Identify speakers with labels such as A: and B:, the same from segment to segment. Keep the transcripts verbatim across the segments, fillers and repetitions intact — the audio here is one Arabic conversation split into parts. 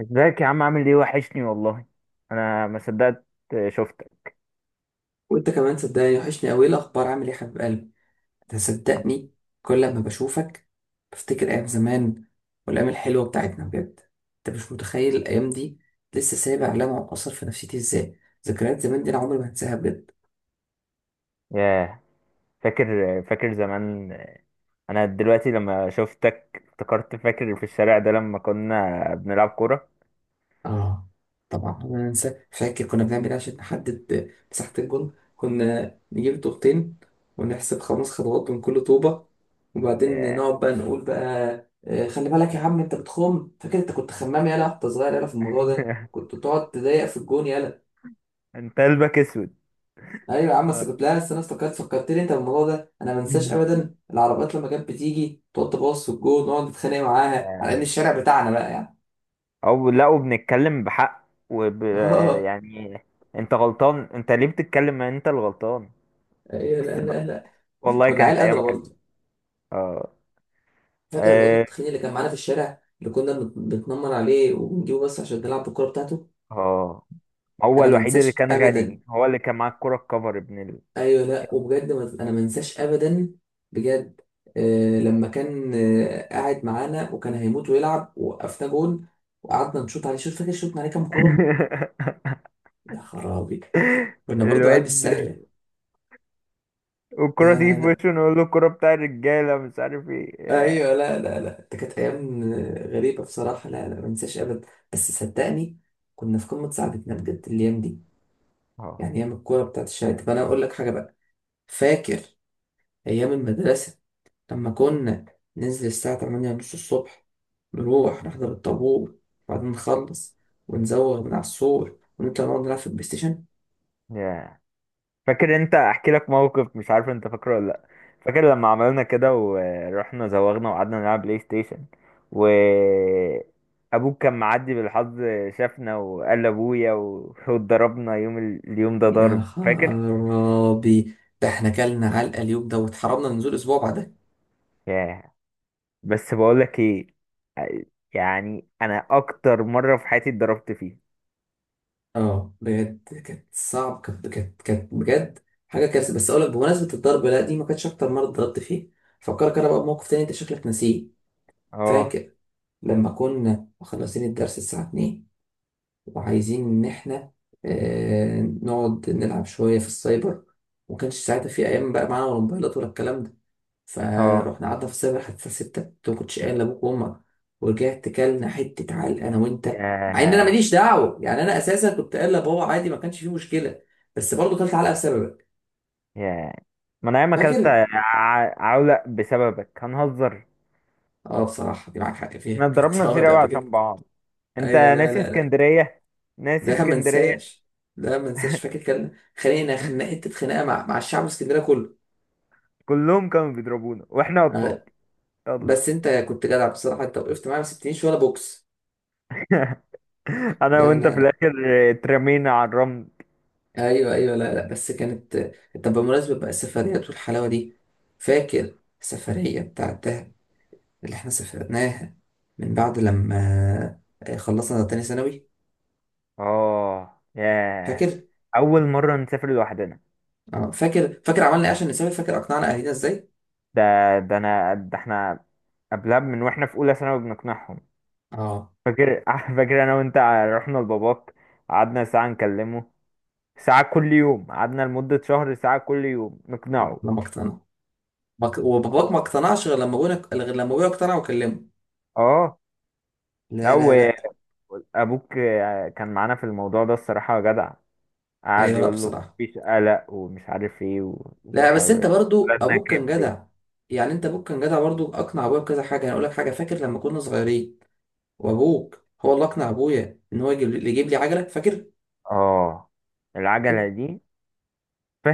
A: ازيك يا عم؟ عامل ايه؟ وحشني والله. انا ما صدقت شفتك.
B: وانت كمان صدقني، وحشني قوي. الاخبار؟ عامل ايه يا حبيب قلبي؟ انت صدقني، كل ما بشوفك بفتكر ايام زمان والايام الحلوه بتاعتنا بجد. انت مش متخيل الايام دي لسه سايبه علامه واثر في نفسيتي ازاي. ذكريات زمان دي انا عمري ما هنساها بجد.
A: ياه. فاكر فاكر زمان. انا دلوقتي لما شفتك افتكرت. فاكر في الشارع ده لما كنا بنلعب كورة؟
B: اه طبعا، انا انسى؟ فاكر كنا بنعمل ايه عشان نحدد مساحة الجون. كنا نجيب طوبتين ونحسب خمس خطوات من كل طوبة، وبعدين
A: ياه.
B: نقعد بقى نقول بقى. آه، خلي بالك يا عم، انت بتخم. فاكر انت كنت خمام يالا وانت صغير؟ يالا في الموضوع ده كنت تقعد تضايق في الجون يالا.
A: انت قلبك اسود.
B: ايوه يا عم، بس
A: اه.
B: كنت، لا بس انا افتكرت، فكرتني انت بالموضوع ده. انا ما انساش ابدا العربيات لما كانت بتيجي تقعد تبص في الجون ونقعد نتخانق معاها على ان
A: يعني-
B: الشارع بتاعنا بقى، يعني.
A: او لا وبنتكلم بحق وب...
B: اه،
A: يعني انت غلطان. انت ليه بتتكلم؟ ما انت اللي غلطان.
B: ايوه.
A: بس
B: لا
A: بقى.
B: لا لا،
A: والله
B: كنا عيال
A: كانت
B: قادرة
A: ايام حلوه.
B: برضه.
A: اه.
B: فاكر الواد
A: اه.
B: التخين اللي كان معانا في الشارع، اللي كنا بنت- بنتنمر عليه وبنجيبه بس عشان نلعب بالكوره بتاعته.
A: آه. هو
B: انا ما
A: الوحيد اللي
B: انساش
A: كان
B: ابدا.
A: غني، هو اللي كان معاه الكرة الكفر ابن ال...
B: ايوه لا، وبجد ما- انا ما انساش ابدا بجد. آه، لما كان آه قاعد معانا وكان هيموت ويلعب، وقفنا جون وقعدنا نشوط عليه. شوف فاكر شوطنا عليه كام كوره؟ يا خرابي، كنا برضو عيال مش
A: الواد
B: سهله.
A: والكرة
B: لا
A: تيجي
B: لا
A: في
B: لا.
A: وشه، نقول له الكرة بتاع الرجالة مش عارف ايه. ياه.
B: ايوه، لا لا لا، ده كانت ايام آه، غريبه بصراحه. لا لا، ما انساش ابدا. بس صدقني، كنا في قمه سعادتنا بجد الايام دي.
A: اه.
B: يعني ايام الكوره بتاعت الشارع. طب انا اقول لك حاجه بقى، فاكر ايام المدرسه لما كنا ننزل الساعه تمانية ونص الصبح، نروح نحضر الطابور وبعدين نخلص ونزوغ من على السور ونطلع نقعد نلعب في البلاي ستيشن؟
A: ياه. فاكر؟ انت احكي لك موقف مش عارف انت فاكره ولا لا. فاكر لما عملنا كده ورحنا زوغنا وقعدنا نلعب بلاي ستيشن؟ و ابوك كان معدي بالحظ، شافنا وقال لابويا و- واتضربنا يوم ال... اليوم ده
B: يا
A: ضرب. فاكر؟
B: خرابي، ده احنا كلنا علقه اليوم ده، واتحرمنا ننزل اسبوع بعدها.
A: ياه. بس بقولك ايه. يعني انا اكتر مرة في حياتي اتضربت فيها.
B: اه بجد، كانت صعب، كانت كانت كانت بجد حاجه كارثه. بس اقول لك، بمناسبه الضرب، لا دي ما كانتش اكتر مره اتضربت فيه. فكرك انا بقى بموقف تاني، انت شكلك ناسيه.
A: اه.
B: فاكر لما كنا مخلصين الدرس الساعة اتنين وعايزين إن إحنا آه، نقعد نلعب شوية في السايبر، ومكانش ساعتها في أيام بقى معانا ولا موبايلات ولا الكلام ده.
A: اه.
B: فروحنا قعدنا في السايبر حتى الساعة ستة. أنت مكنتش قايل لأبوك وأمك، ورجعت كلنا حتة عال أنا وأنت. مع إن أنا
A: ياه.
B: ماليش دعوة، يعني أنا أساسا كنت قايل لبابا عادي، ما كانش فيه مشكلة. بس برضه كلت علقة بسببك
A: ياه. ما انا ياما اكلت
B: فاكر؟
A: ع- عولق بسببك هنهزر.
B: اه، بصراحة دي معاك حق فيها
A: احنا
B: بجد.
A: اتضربنا
B: اه
A: كتير
B: لا
A: قوي
B: بجد.
A: عشان بعض. انت
B: ايوه، لا
A: ناسي
B: لا
A: اسكندرية؟ ناسي
B: لا ما
A: اسكندرية.
B: انساش. لا ما انساش، فاكر كان خلينا خناقه خناقه مع مع الشعب الاسكندريه كله.
A: كلهم كانوا بيضربونا واحنا
B: أنا-
A: اطفال. يلا.
B: بس انت كنت جدع بصراحه، انت وقفت معايا ما سبتنيش ولا بوكس.
A: انا
B: لا
A: وانت
B: لا
A: في
B: لا.
A: الاخر اترمينا على الرمل.
B: ايوه ايوه، لا لا بس كانت. طب بمناسبه بقى السفريات والحلاوه دي، فاكر السفريه بتاعت دهب اللي احنا سافرناها من بعد لما خلصنا تاني ثانوي؟
A: اه. ياه.
B: فاكر؟
A: اول مرة نسافر لوحدنا.
B: اه فاكر، فاكر عملنا ايه عشان نسافر؟ فاكر اقنعنا اهلنا ازاي؟
A: ده ده انا، ده احنا قبلها من واحنا في اولى ثانوي بنقنعهم.
B: اه
A: فاكر؟ فاكر انا وانت رحنا لباباك، قعدنا ساعة نكلمه، ساعة كل يوم، قعدنا لمدة شهر ساعة كل يوم
B: اه،
A: نقنعه.
B: لما اقتنعوا ما- ك- وباباك
A: أهو.
B: ما اقتنعش غير لما ابونا غير لما ابويا اقتنع وكلمه.
A: اه. لا
B: لا لا لا.
A: وابوك كان معانا في الموضوع ده الصراحة جدع، قعد
B: ايوه، لا
A: يقول له
B: بصراحه،
A: مفيش قلق ومش عارف ايه و-
B: لا بس انت
A: وحاول.
B: برضو
A: ولادنا
B: ابوك كان
A: كبروا.
B: جدع. يعني انت ابوك كان جدع برضو، اقنع ابويا بكذا حاجه. انا اقول لك حاجه، فاكر لما كنا صغيرين وابوك هو اللي اقنع ابويا ان هو يجيب لي يجيب لي عجله؟ فاكر؟
A: اه،
B: فاكر؟
A: العجلة دي.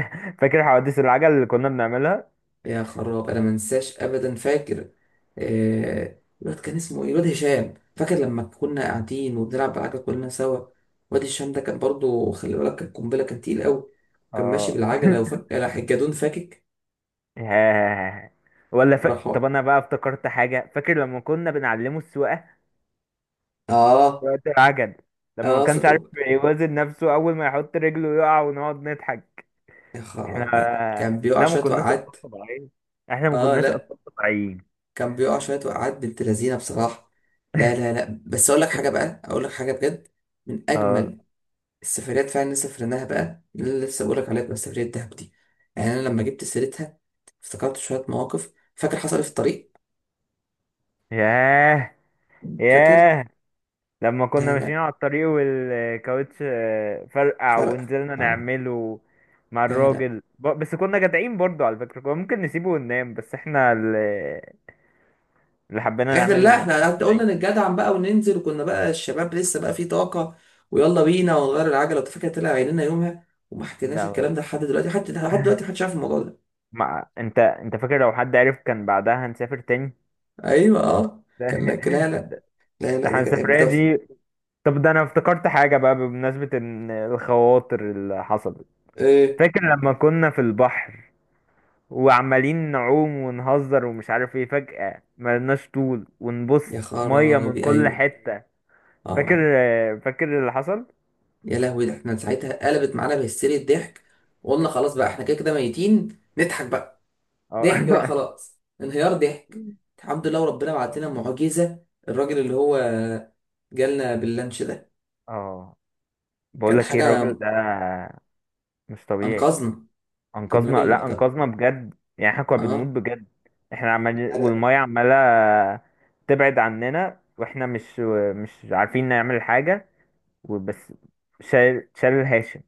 A: فاكر حوادث العجل اللي كنا بنعملها؟
B: يا خراب انا ما انساش ابدا فاكر. آه... الواد كان اسمه ايه؟ الواد هشام. فاكر لما كنا قاعدين وبنلعب بالعجله كلنا سوا؟ الواد هشام ده كان برضو، خلي بالك، كان قنبله، كان تقيل قوي. كان ماشي
A: اه.
B: بالعجله وفك راح الجدون فاكك،
A: ياه. ولا ف...
B: وراح
A: طب
B: هو-
A: انا بقى افتكرت حاجه. فاكر لما كنا بنعلمه السواقه في
B: اه
A: وقت العجل؟ لما ما
B: اه
A: كانش عارف
B: صدق.
A: يوازن نفسه اول ما يحط رجله يقع ونقعد نضحك.
B: يا
A: احنا.
B: خرابي كان بيقع
A: لا، ما
B: شوية
A: كناش اطفال
B: وقعات.
A: طبيعيين. احنا ما
B: اه
A: كناش
B: لا،
A: اطفال طبيعيين.
B: كان بيقع شوية وقعات بنت لذينة بصراحة. لا لا لا، بس اقول لك حاجة بقى، اقول لك حاجة بجد. من
A: اه.
B: اجمل السفريات فعلا اللي سافرناها بقى، اللي أنا لسه بقول لك عليها بقى، سفرية دهب دي. يعني انا لما جبت سيرتها افتكرت شوية مواقف. فاكر حصل إيه في الطريق؟
A: ياه.
B: فاكر؟
A: ياه. لما كنا
B: لا
A: ماشيين
B: لا،
A: على الطريق والكاوتش آه، فرقع
B: فرق
A: ونزلنا
B: اه.
A: نعمله مع
B: لا لا
A: الراجل ب- بس كنا جدعين برضو على فكرة، كنا ممكن نسيبه وننام بس احنا اللي حبينا
B: احنا، لا
A: نعمل
B: احنا
A: نفسنا من
B: قعدنا- قلنا
A: بعيد.
B: نتجدعن بقى وننزل، وكنا بقى الشباب لسه بقى في طاقة. ويلا بينا ونغير العجلة. انت فاكر طلع عينينا يومها، وما حكيناش
A: ده.
B: الكلام ده لحد دلوقتي. حتى لحد دلوقتي محدش عارف الموضوع ده.
A: ما انت انت فاكر لو حد عرف كان بعدها هنسافر تاني؟
B: ايوه اه
A: ده
B: كان لا. لا لا
A: ده
B: لا
A: ده
B: لا،
A: احنا
B: ده كانت
A: السفرية
B: بتف.
A: دي. طب ده انا افتكرت حاجة بقى بمناسبة ان الخواطر اللي حصلت.
B: ايه؟
A: فاكر لما كنا في البحر وعمالين نعوم ونهزر ومش عارف ايه، فجأة ملناش طول
B: يا
A: ونبص، مية من
B: خرابي
A: كل
B: ايوه
A: حتة؟ فاكر
B: اه.
A: فاكر اللي حصل؟
B: يا لهوي، ده احنا ساعتها قلبت معانا بهستيريا ضحك، وقلنا خلاص بقى احنا كده كده ميتين نضحك بقى. ضحك بقى
A: اه.
B: خلاص. انهيار ضحك. الحمد لله، وربنا بعت لنا معجزة، الراجل اللي هو جالنا باللانش ده،
A: اه. بقول
B: كان
A: لك ايه،
B: حاجة.
A: الراجل ده مش طبيعي.
B: أنقذنا. كان
A: انقذنا.
B: راجل،
A: لا،
B: كان
A: انقذنا بجد، يعني احنا كنا بنموت
B: اه
A: بجد. احنا عمال
B: حاجة-
A: والميه عماله تبعد عننا واحنا مش مش عارفين نعمل حاجه. وبس. شال شال هاشم.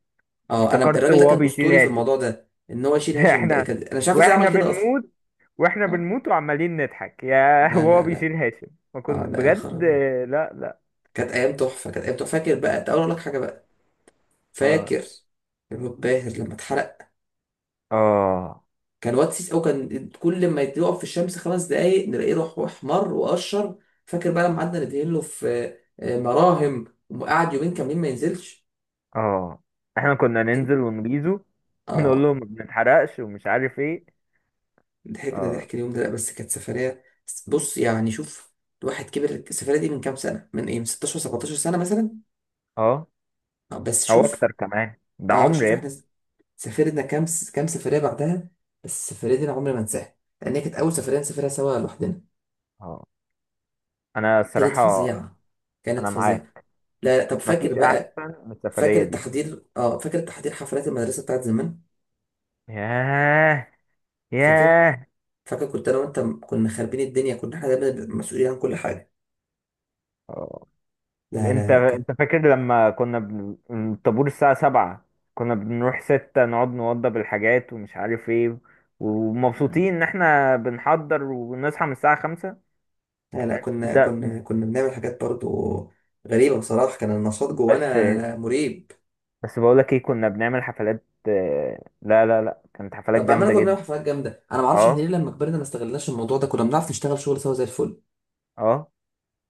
B: اه انا،
A: افتكرت
B: الراجل ده
A: وهو
B: كان
A: بيشيل
B: اسطوري في
A: هاشم.
B: الموضوع ده، ان هو يشيل هاشم ده
A: احنا
B: كان. انا مش عارف ازاي
A: واحنا
B: عمل كده اصلا.
A: بنموت واحنا
B: اه
A: بنموت وعمالين نضحك يا
B: لا
A: وهو
B: لا لا.
A: بيشيل هاشم. ما
B: اه
A: كنت
B: لا، يا
A: بجد.
B: خرابي
A: لا. لا.
B: كانت ايام تحفة، كانت ايام تحفة. فاكر بقى، تعالى اقول لك حاجة بقى،
A: اه.
B: فاكر الواد باهر لما اتحرق؟
A: اه.
B: كان واد سيس، او كان كل ما يقف في الشمس خمس دقايق نلاقيه روح احمر وقشر. فاكر بقى لما قعدنا ندهن له في آه، مراهم، وقعد يومين كاملين ما ينزلش
A: اه. احنا كنا
B: حاجة-
A: ننزل ونغيظه ونقول
B: اه
A: لهم ما بنتحرقش ومش عارف ايه.
B: ضحكنا
A: اه.
B: ضحك اليوم ده. لا بس كانت سفرية. بص يعني شوف، الواحد كبر. السفرية دي من كام سنة، من ايه، من ستاشر سبعتاشر سنة مثلا.
A: اه.
B: آه، بس
A: او
B: شوف.
A: اكتر كمان، ده
B: اه
A: عمر
B: شوف
A: يا
B: احنا
A: ابني.
B: سافرنا كام س- كام سفرية بعدها. بس السفرية دي انا عمري ما انساها، لان هي كانت اول سفرية نسافرها سوا لوحدنا.
A: اه. انا
B: كانت
A: الصراحه،
B: فظيعة، كانت
A: انا
B: فظيعة.
A: معاك.
B: لا طب فاكر
A: مفيش
B: بقى،
A: احسن من
B: فاكر
A: السفريه دي.
B: التحضير؟ اه فاكر التحضير، حفلات المدرسة بتاعت زمان.
A: ياه.
B: فاكر،
A: ياه.
B: فاكر كنت انا وانت م- كنا خاربين الدنيا؟ كنا احنا دايما مسؤولين عن كل حاجة.
A: اه.
B: لا لا
A: انت
B: لا
A: انت فاكر لما كنا بن... الطابور الساعه سبعة؟ كنا بنروح ستة نقعد نوضب الحاجات ومش عارف ايه،
B: كانت.
A: ومبسوطين ان احنا بنحضر ونصحى من الساعه خمسة.
B: لا لا كنا
A: ده.
B: كنا كنا بنعمل حاجات برضو غريبة بصراحة، كان النشاط
A: بس
B: جوانا مريب.
A: بس بقولك ايه، كنا بنعمل حفلات. آه، لا، لا، لا، كانت حفلات
B: طب بأمانة،
A: جامده
B: كنا بنعمل
A: جدا.
B: حفلات جامدة. أنا معرفش إحنا
A: اه.
B: ليه لما كبرنا ما استغلناش الموضوع ده، كنا بنعرف نشتغل شغل سوا زي الفل
A: اه.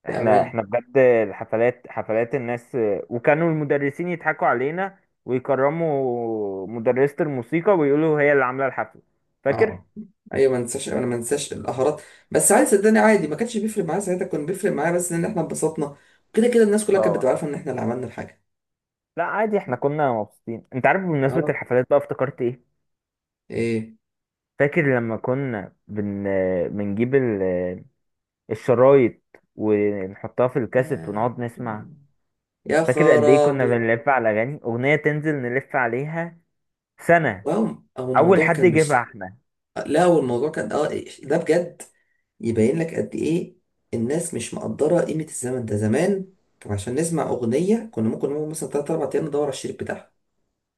A: احنا
B: بأمانة.
A: احنا بجد الحفلات حفلات الناس، وكانوا المدرسين يضحكوا علينا ويكرموا مدرسة الموسيقى ويقولوا هي اللي عاملة الحفلة. فاكر؟
B: اه، ايوه ما انساش، انا ما انساش القهرات. بس عادي صدقني، عادي، ما كانش بيفرق معايا ساعتها، كان بيفرق معايا بس ان احنا اتبسطنا. كده كده الناس كلها
A: اه
B: كانت بتبقى
A: والله.
B: عارفه ان احنا اللي عملنا الحاجه.
A: لا عادي، احنا كنا مبسوطين. انت عارف بمناسبة
B: أه،
A: الحفلات بقى افتكرت ايه؟
B: إيه،
A: فاكر لما كنا بن... بنجيب ال... الشرايط ونحطها في الكاسيت
B: يا
A: ونقعد
B: آه.
A: نسمع؟
B: يا
A: فاكر قد ايه كنا
B: خرابي.
A: بنلف على اغاني؟ اغنية تنزل نلف عليها سنة
B: واو. هو
A: اول
B: الموضوع
A: حد
B: كان
A: يجيبها
B: مش.
A: احنا.
B: لا هو الموضوع كان أه إيه، ده بجد. يبين لك قد ايه الناس مش مقدره قيمه الزمن ده. زمان عشان نسمع اغنيه كنا ممكن نقعد مثلا تلاتة اربعة ايام ندور على الشريط بتاعها.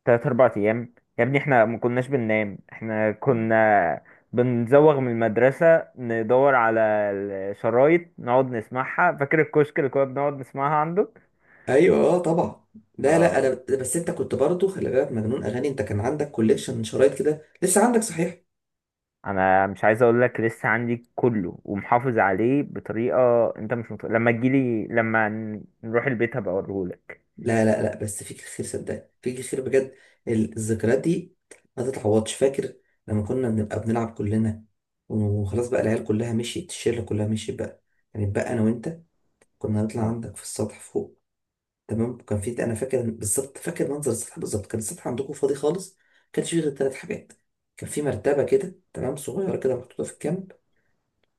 A: تلات أربع أيام يا ابني، احنا ما كناش بننام. احنا كنا بنزوغ من المدرسة ندور على الشرايط نقعد نسمعها. فاكر الكشك اللي كنا بنقعد نسمعها عندك؟
B: ايوه اه طبعا، لا لا
A: اه.
B: انا. بس انت كنت برضو، خلي بالك، مجنون اغاني، انت كان عندك كوليكشن شرايط كده، لسه عندك صحيح؟
A: انا مش عايز اقول لك، لسه عندي كله ومحافظ عليه بطريقة انت مش مت... لما تجيلي، لما ن- نروح البيت هبقى اوريهولك.
B: لا لا لا، بس فيك الخير، صدقني فيك الخير بجد. الذكريات دي ما تتعوضش. فاكر لما كنا بنبقى بنلعب كلنا، وخلاص بقى العيال كلها مشيت، الشله كلها مشيت بقى، يعني بقى انا وانت كنا نطلع
A: اه.
B: عندك في السطح فوق. تمام، وكان في، انا فاكر بالظبط، فاكر منظر السطح بالظبط، كان السطح عندكم فاضي خالص. كانش فيه غير ثلاث حاجات. كان في مرتبه كده تمام، صغيره كده محطوطه في الجنب.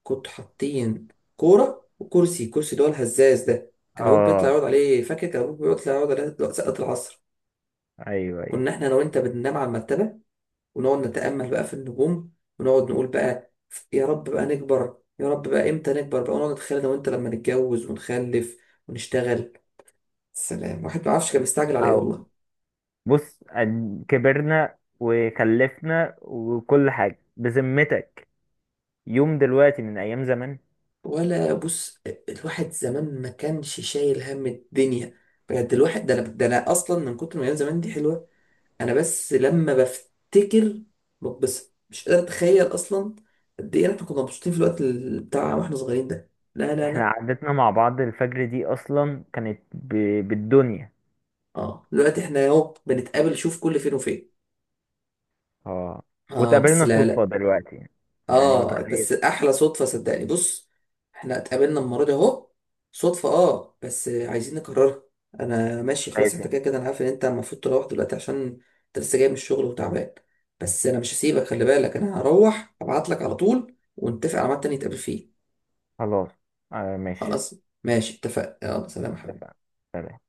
B: كنتوا حاطين كوره وكرسي، كرسي اللي هو الهزاز ده كان ابوك بيطلع
A: اه.
B: يقعد عليه. فاكر كان ابوك بيطلع يقعد عليه وقت سقط العصر.
A: ايوه. ايوه.
B: كنا احنا انا وانت بننام على المرتبه ونقعد نتامل بقى في النجوم، ونقعد نقول بقى يا رب بقى نكبر، يا رب بقى امتى نكبر بقى. ونقعد نتخيل انا وانت لما نتجوز ونخلف ونشتغل. سلام، واحد ما عارفش كان مستعجل على ايه
A: أو.
B: والله.
A: بص، أن- كبرنا وخلفنا وكل حاجة بذمتك. يوم دلوقتي من ايام زمان.
B: ولا بص، الواحد زمان ما كانش شايل هم الدنيا بجد. الواحد ده انا ده انا اصلا، من كتر ما ايام زمان دي حلوه، انا بس لما بفتكر بتبسط. مش قادر اتخيل اصلا قد ايه احنا كنا مبسوطين في الوقت ال- بتاع واحنا صغيرين ده. لا لا
A: احنا
B: لا.
A: قعدتنا مع بعض الفجر دي اصلا كانت ب... بالدنيا.
B: اه، دلوقتي احنا اهو بنتقابل شوف كل فين وفين.
A: اه.
B: اه بس
A: واتقابلنا
B: لا
A: صدفة
B: لا،
A: دلوقتي. يعني
B: اه
A: متخيل؟
B: بس احلى صدفه صدقني. بص احنا اتقابلنا المره دي اهو صدفه، اه بس عايزين نكررها. انا ماشي خلاص، انت
A: متخيل.
B: كده كده انا عارف ان انت المفروض تروح دلوقتي عشان انت لسه جاي من الشغل وتعبان. بس انا مش هسيبك، خلي بالك، انا هروح ابعت لك على طول ونتفق على ميعاد تاني نتقابل فيه.
A: خلاص. آه ماشي.
B: خلاص، ماشي اتفقنا، يلا سلام يا
A: اتفقنا.
B: حبيبي.
A: سلام.